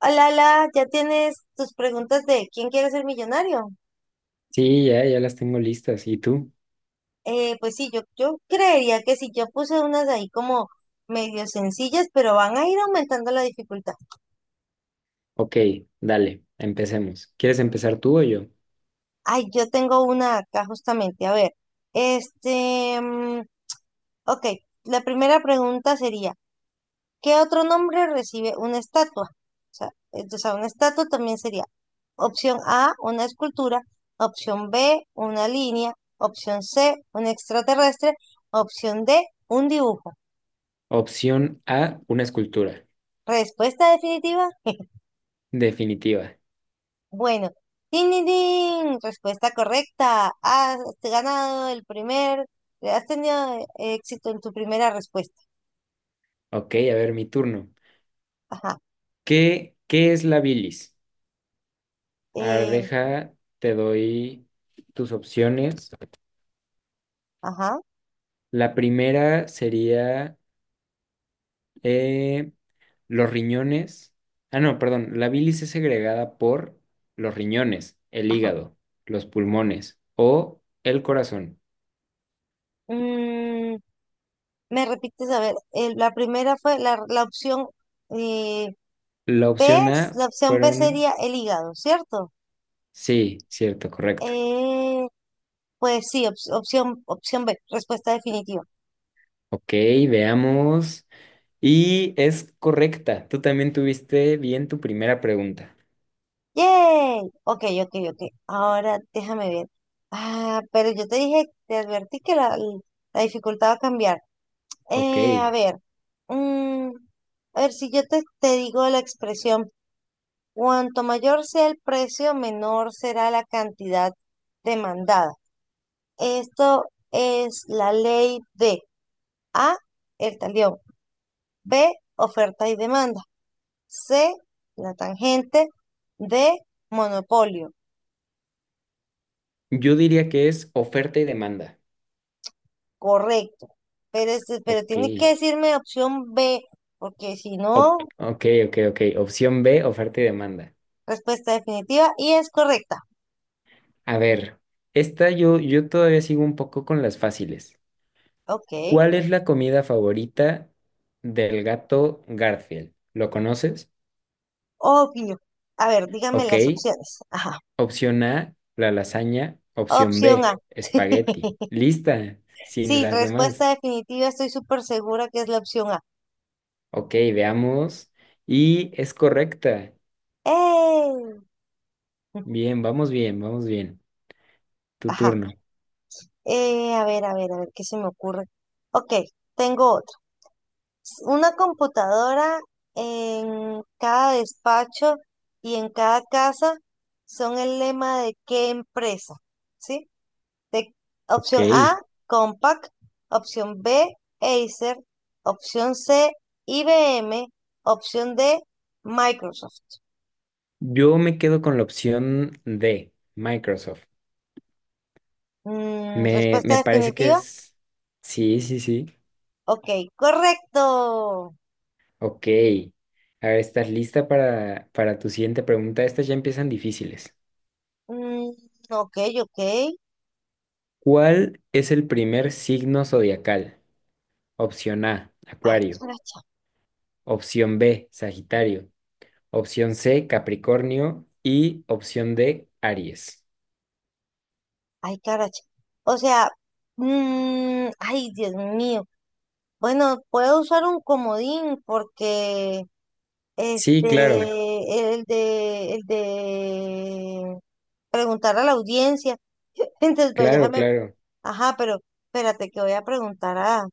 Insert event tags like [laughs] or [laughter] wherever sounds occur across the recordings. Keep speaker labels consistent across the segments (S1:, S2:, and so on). S1: Hola, hola, ya tienes tus preguntas de quién quiere ser millonario.
S2: Sí, ya, ya las tengo listas. ¿Y tú?
S1: Pues sí, yo creería que sí, yo puse unas ahí como medio sencillas, pero van a ir aumentando la dificultad.
S2: Ok, dale, empecemos. ¿Quieres empezar tú o yo?
S1: Ay, yo tengo una acá justamente. A ver, este, mm, ok, la primera pregunta sería, ¿qué otro nombre recibe una estatua? O sea, una estatua también sería opción A, una escultura. Opción B, una línea. Opción C, un extraterrestre. Opción D, un dibujo.
S2: Opción A, una escultura.
S1: Respuesta definitiva. [laughs]
S2: Definitiva.
S1: Bueno, ¡tin, tin, tin! Respuesta correcta. Has tenido éxito en tu primera respuesta.
S2: Ok, a ver, mi turno.
S1: Ajá,
S2: ¿Qué es la bilis? A ver,
S1: eh,
S2: deja, te doy tus opciones.
S1: ajá,
S2: La primera sería eh, los riñones. Ah, no, perdón. La bilis es segregada por los riñones, el
S1: ajá.
S2: hígado, los pulmones o el corazón.
S1: Mm, me repites, a ver, la primera fue la opción eh,
S2: La
S1: B,
S2: opción A
S1: la opción B
S2: fueron,
S1: sería el hígado, ¿cierto?
S2: sí, cierto, correcto.
S1: Eh, pues sí, opción B, respuesta definitiva.
S2: Ok, veamos. Y es correcta. Tú también tuviste bien tu primera pregunta.
S1: ¡Yay! Ok, ok, ok. Ahora déjame ver. Ah, pero yo te dije, te advertí que la dificultad va a cambiar.
S2: Ok,
S1: Eh, a ver, mm, a ver, si yo te digo la expresión, cuanto mayor sea el precio, menor será la cantidad demandada. Esto es la ley de A, el talión; B, oferta y demanda; C, la tangente de monopolio.
S2: yo diría que es oferta y demanda.
S1: Correcto. Pero, pero
S2: Ok,
S1: tiene que decirme opción B, porque si no,
S2: Ok, ok, ok. Opción B, oferta y demanda.
S1: respuesta definitiva y es correcta.
S2: A ver, esta yo todavía sigo un poco con las fáciles.
S1: Ok,
S2: ¿Cuál es la comida favorita del gato Garfield? ¿Lo conoces?
S1: obvio. A ver, dígame
S2: Ok,
S1: las opciones. Ajá.
S2: opción A, la lasaña. Opción
S1: Opción A.
S2: B, espagueti.
S1: [laughs]
S2: Lista, sin
S1: Sí,
S2: las demás.
S1: respuesta definitiva, estoy súper segura que es la opción A.
S2: Ok, veamos. Y es correcta.
S1: ¡Ey! [laughs]
S2: Bien, vamos bien, vamos bien. Tu
S1: Ajá.
S2: turno.
S1: A ver, a ver, a ver, ¿qué se me ocurre? Ok, tengo otra. Una computadora en cada despacho y en cada casa son el lema de qué empresa, ¿sí? De
S2: Ok.
S1: opción A, Compaq; opción B, Acer; opción C, IBM; opción D, Microsoft.
S2: Yo me quedo con la opción D, Microsoft.
S1: Mm,
S2: Me,
S1: respuesta
S2: me parece que
S1: definitiva.
S2: es... Sí, sí, sí.
S1: Ok, correcto.
S2: Ok. A ver, ¿estás lista para tu siguiente pregunta? Estas ya empiezan difíciles.
S1: Mm, ok, ok.
S2: ¿Cuál es el primer signo zodiacal? Opción A,
S1: Ay,
S2: Acuario. Opción B, Sagitario. Opción C, Capricornio. Y opción D, Aries.
S1: ay, caracha. O sea, mm, ay, Dios mío. Bueno, puedo usar un comodín porque sí,
S2: Sí,
S1: claro,
S2: claro,
S1: el de preguntar a la audiencia. [laughs] Entonces, pues
S2: claro,
S1: déjame,
S2: claro.
S1: ajá, pero espérate que voy a preguntar a,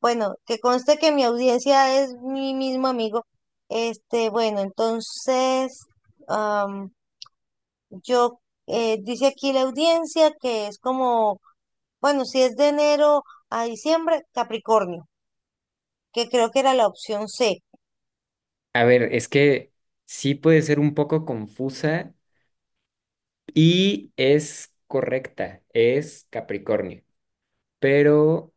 S1: bueno, que conste que mi audiencia es mi mismo amigo. Bueno, entonces, am, yo, dice aquí la audiencia que es como, bueno, si es de enero a diciembre, Capricornio, que creo que era la opción C.
S2: A ver, es que sí puede ser un poco confusa y es correcta, es Capricornio, pero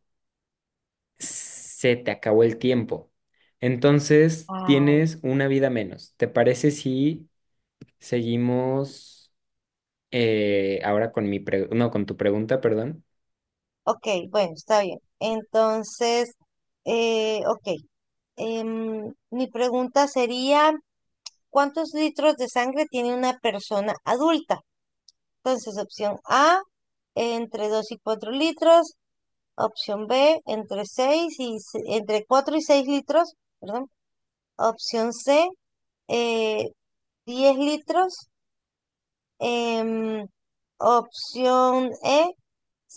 S2: se te acabó el tiempo. Entonces
S1: Ay,
S2: tienes una vida menos. ¿Te parece si seguimos ahora con mi no, con tu pregunta, perdón?
S1: ok, bueno, está bien. Entonces, ok, mi pregunta sería, ¿cuántos litros de sangre tiene una persona adulta? Entonces, opción A, entre 2 y 4 litros. Opción B, entre 6 y, entre 4 y 6 litros, perdón. Opción C, eh, 10 litros. Em, Opción E,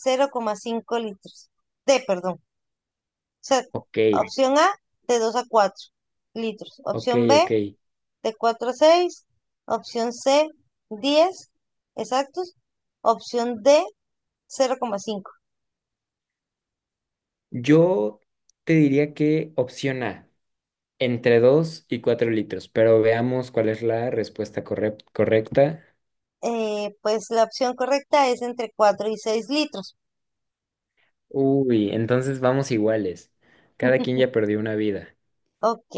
S1: cero coma cinco litros. D, perdón. O sea,
S2: Ok,
S1: opción A, de 2 a 4 litros.
S2: ok,
S1: Opción B,
S2: ok.
S1: de 4 a seis. Opción C, 10 exactos. Opción D, 0,5.
S2: Yo te diría que opción A, entre 2 y 4 litros, pero veamos cuál es la respuesta correcta.
S1: Pues la opción correcta es entre 4 y 6 litros.
S2: Uy, entonces vamos iguales. Cada quien
S1: [laughs]
S2: ya perdió una vida.
S1: Ok.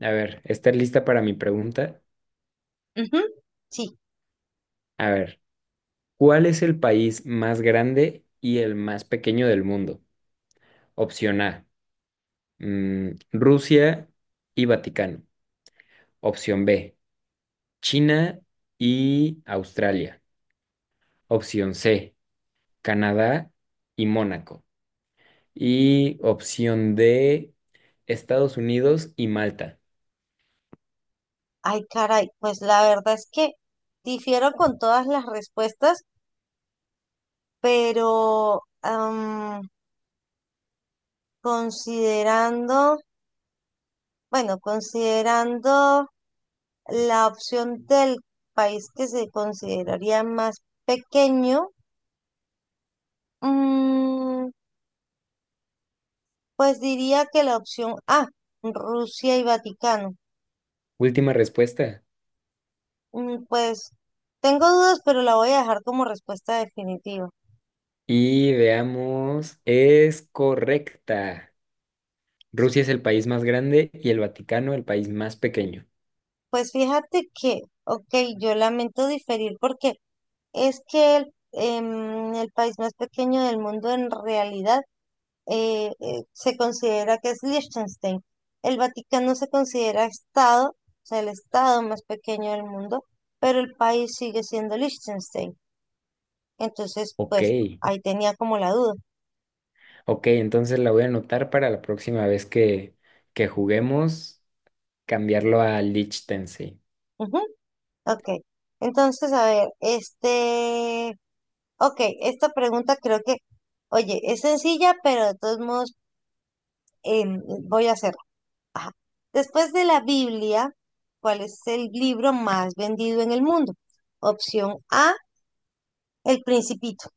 S2: A ver, ¿estás lista para mi pregunta?
S1: Ujú, sí.
S2: A ver, ¿cuál es el país más grande y el más pequeño del mundo? Opción A, Rusia y Vaticano. Opción B, China y Australia. Opción C, Canadá y Mónaco. Y opción D, Estados Unidos y Malta.
S1: Ay, caray. Pues la verdad es que difiero con todas las respuestas, pero considerando, bueno, considerando la opción del país que se consideraría más pequeño, mm, pues diría que la opción A, Rusia y Vaticano.
S2: Última respuesta.
S1: Mm, pues tengo dudas, pero la voy a dejar como respuesta definitiva.
S2: Y veamos, es correcta. Rusia es el país más grande y el Vaticano el país más pequeño.
S1: Pues fíjate que, ok, yo lamento diferir porque es que el país más pequeño del mundo en realidad se considera que es Liechtenstein. El Vaticano se considera Estado, o sea, el Estado más pequeño del mundo, pero el país sigue siendo Liechtenstein. Entonces,
S2: Ok,
S1: pues ahí tenía como la duda.
S2: ok, entonces la voy a anotar para la próxima vez que juguemos, cambiarlo a Liechtenstein.
S1: Ujú, ok. Entonces, a ver, ok, esta pregunta creo que, oye, es sencilla, pero de todos modos em, voy a hacerla. Ajá. Después de la Biblia, ¿cuál es el libro más vendido en el mundo? Opción A, El Principito.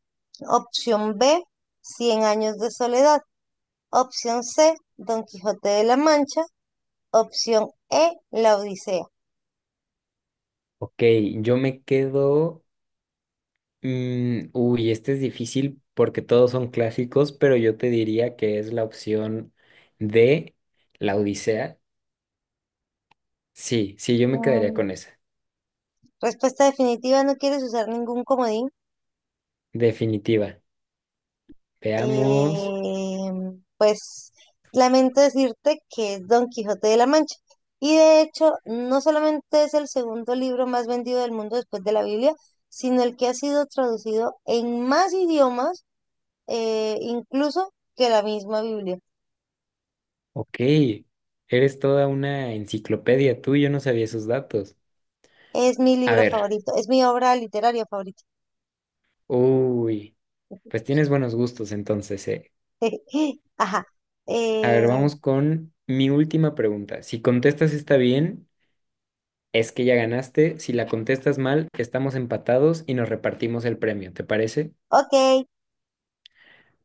S1: Opción B, Cien años de soledad. Opción C, Don Quijote de la Mancha. Opción E, La Odisea.
S2: Ok, yo me quedo. Uy, este es difícil porque todos son clásicos, pero yo te diría que es la opción de La Odisea. Sí, sí, yo me quedaría
S1: Mm,
S2: con esa.
S1: respuesta definitiva, no quieres usar ningún comodín.
S2: Definitiva. Veamos.
S1: Eh, pues lamento decirte que es Don Quijote de la Mancha. Y de hecho, no solamente es el segundo libro más vendido del mundo después de la Biblia, sino el que ha sido traducido en más idiomas, incluso que la misma Biblia.
S2: Ok, eres toda una enciclopedia tú, yo no sabía esos datos.
S1: Es mi
S2: A
S1: libro
S2: ver,
S1: favorito, es mi obra literaria favorita.
S2: uy, pues tienes buenos gustos entonces, ¿eh?
S1: [laughs] Ajá.
S2: A
S1: Eh,
S2: ver, vamos con mi última pregunta. Si contestas está bien. Es que ya ganaste, si la contestas mal, estamos empatados y nos repartimos el premio, ¿te parece?
S1: ok,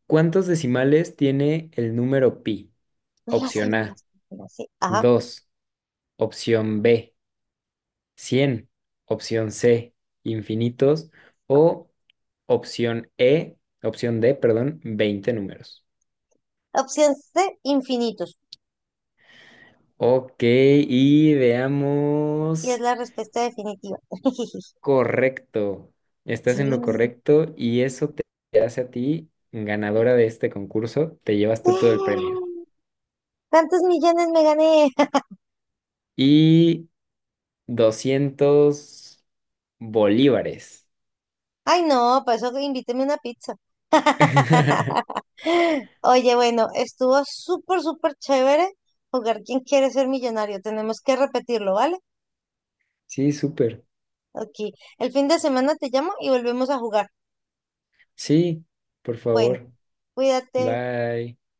S2: ¿Cuántos decimales tiene el número pi?
S1: me la sé,
S2: Opción
S1: me la
S2: A,
S1: sé, me la sé. Ajá.
S2: 2. Opción B, 100. Opción C, infinitos, o opción E, opción D, perdón, 20 números.
S1: Opción C, infinitos.
S2: Ok, y
S1: Y es
S2: veamos.
S1: la respuesta definitiva. [laughs]
S2: Correcto, estás
S1: Sí.
S2: en lo
S1: [gasps]
S2: correcto y eso te hace a ti ganadora de este concurso, te llevas tú todo el premio.
S1: ¡Eh! ¿Cuántos millones me gané? [laughs]
S2: Y 200 bolívares.
S1: Ay, no, para eso invíteme una pizza.
S2: [laughs]
S1: [laughs] Oye, bueno, estuvo súper, súper chévere jugar ¿Quién quiere ser millonario? Tenemos que repetirlo, ¿vale?
S2: Sí, súper.
S1: Ok. El fin de semana te llamo y volvemos a jugar.
S2: Sí, por
S1: Bueno.
S2: favor.
S1: Cuídate.
S2: Bye.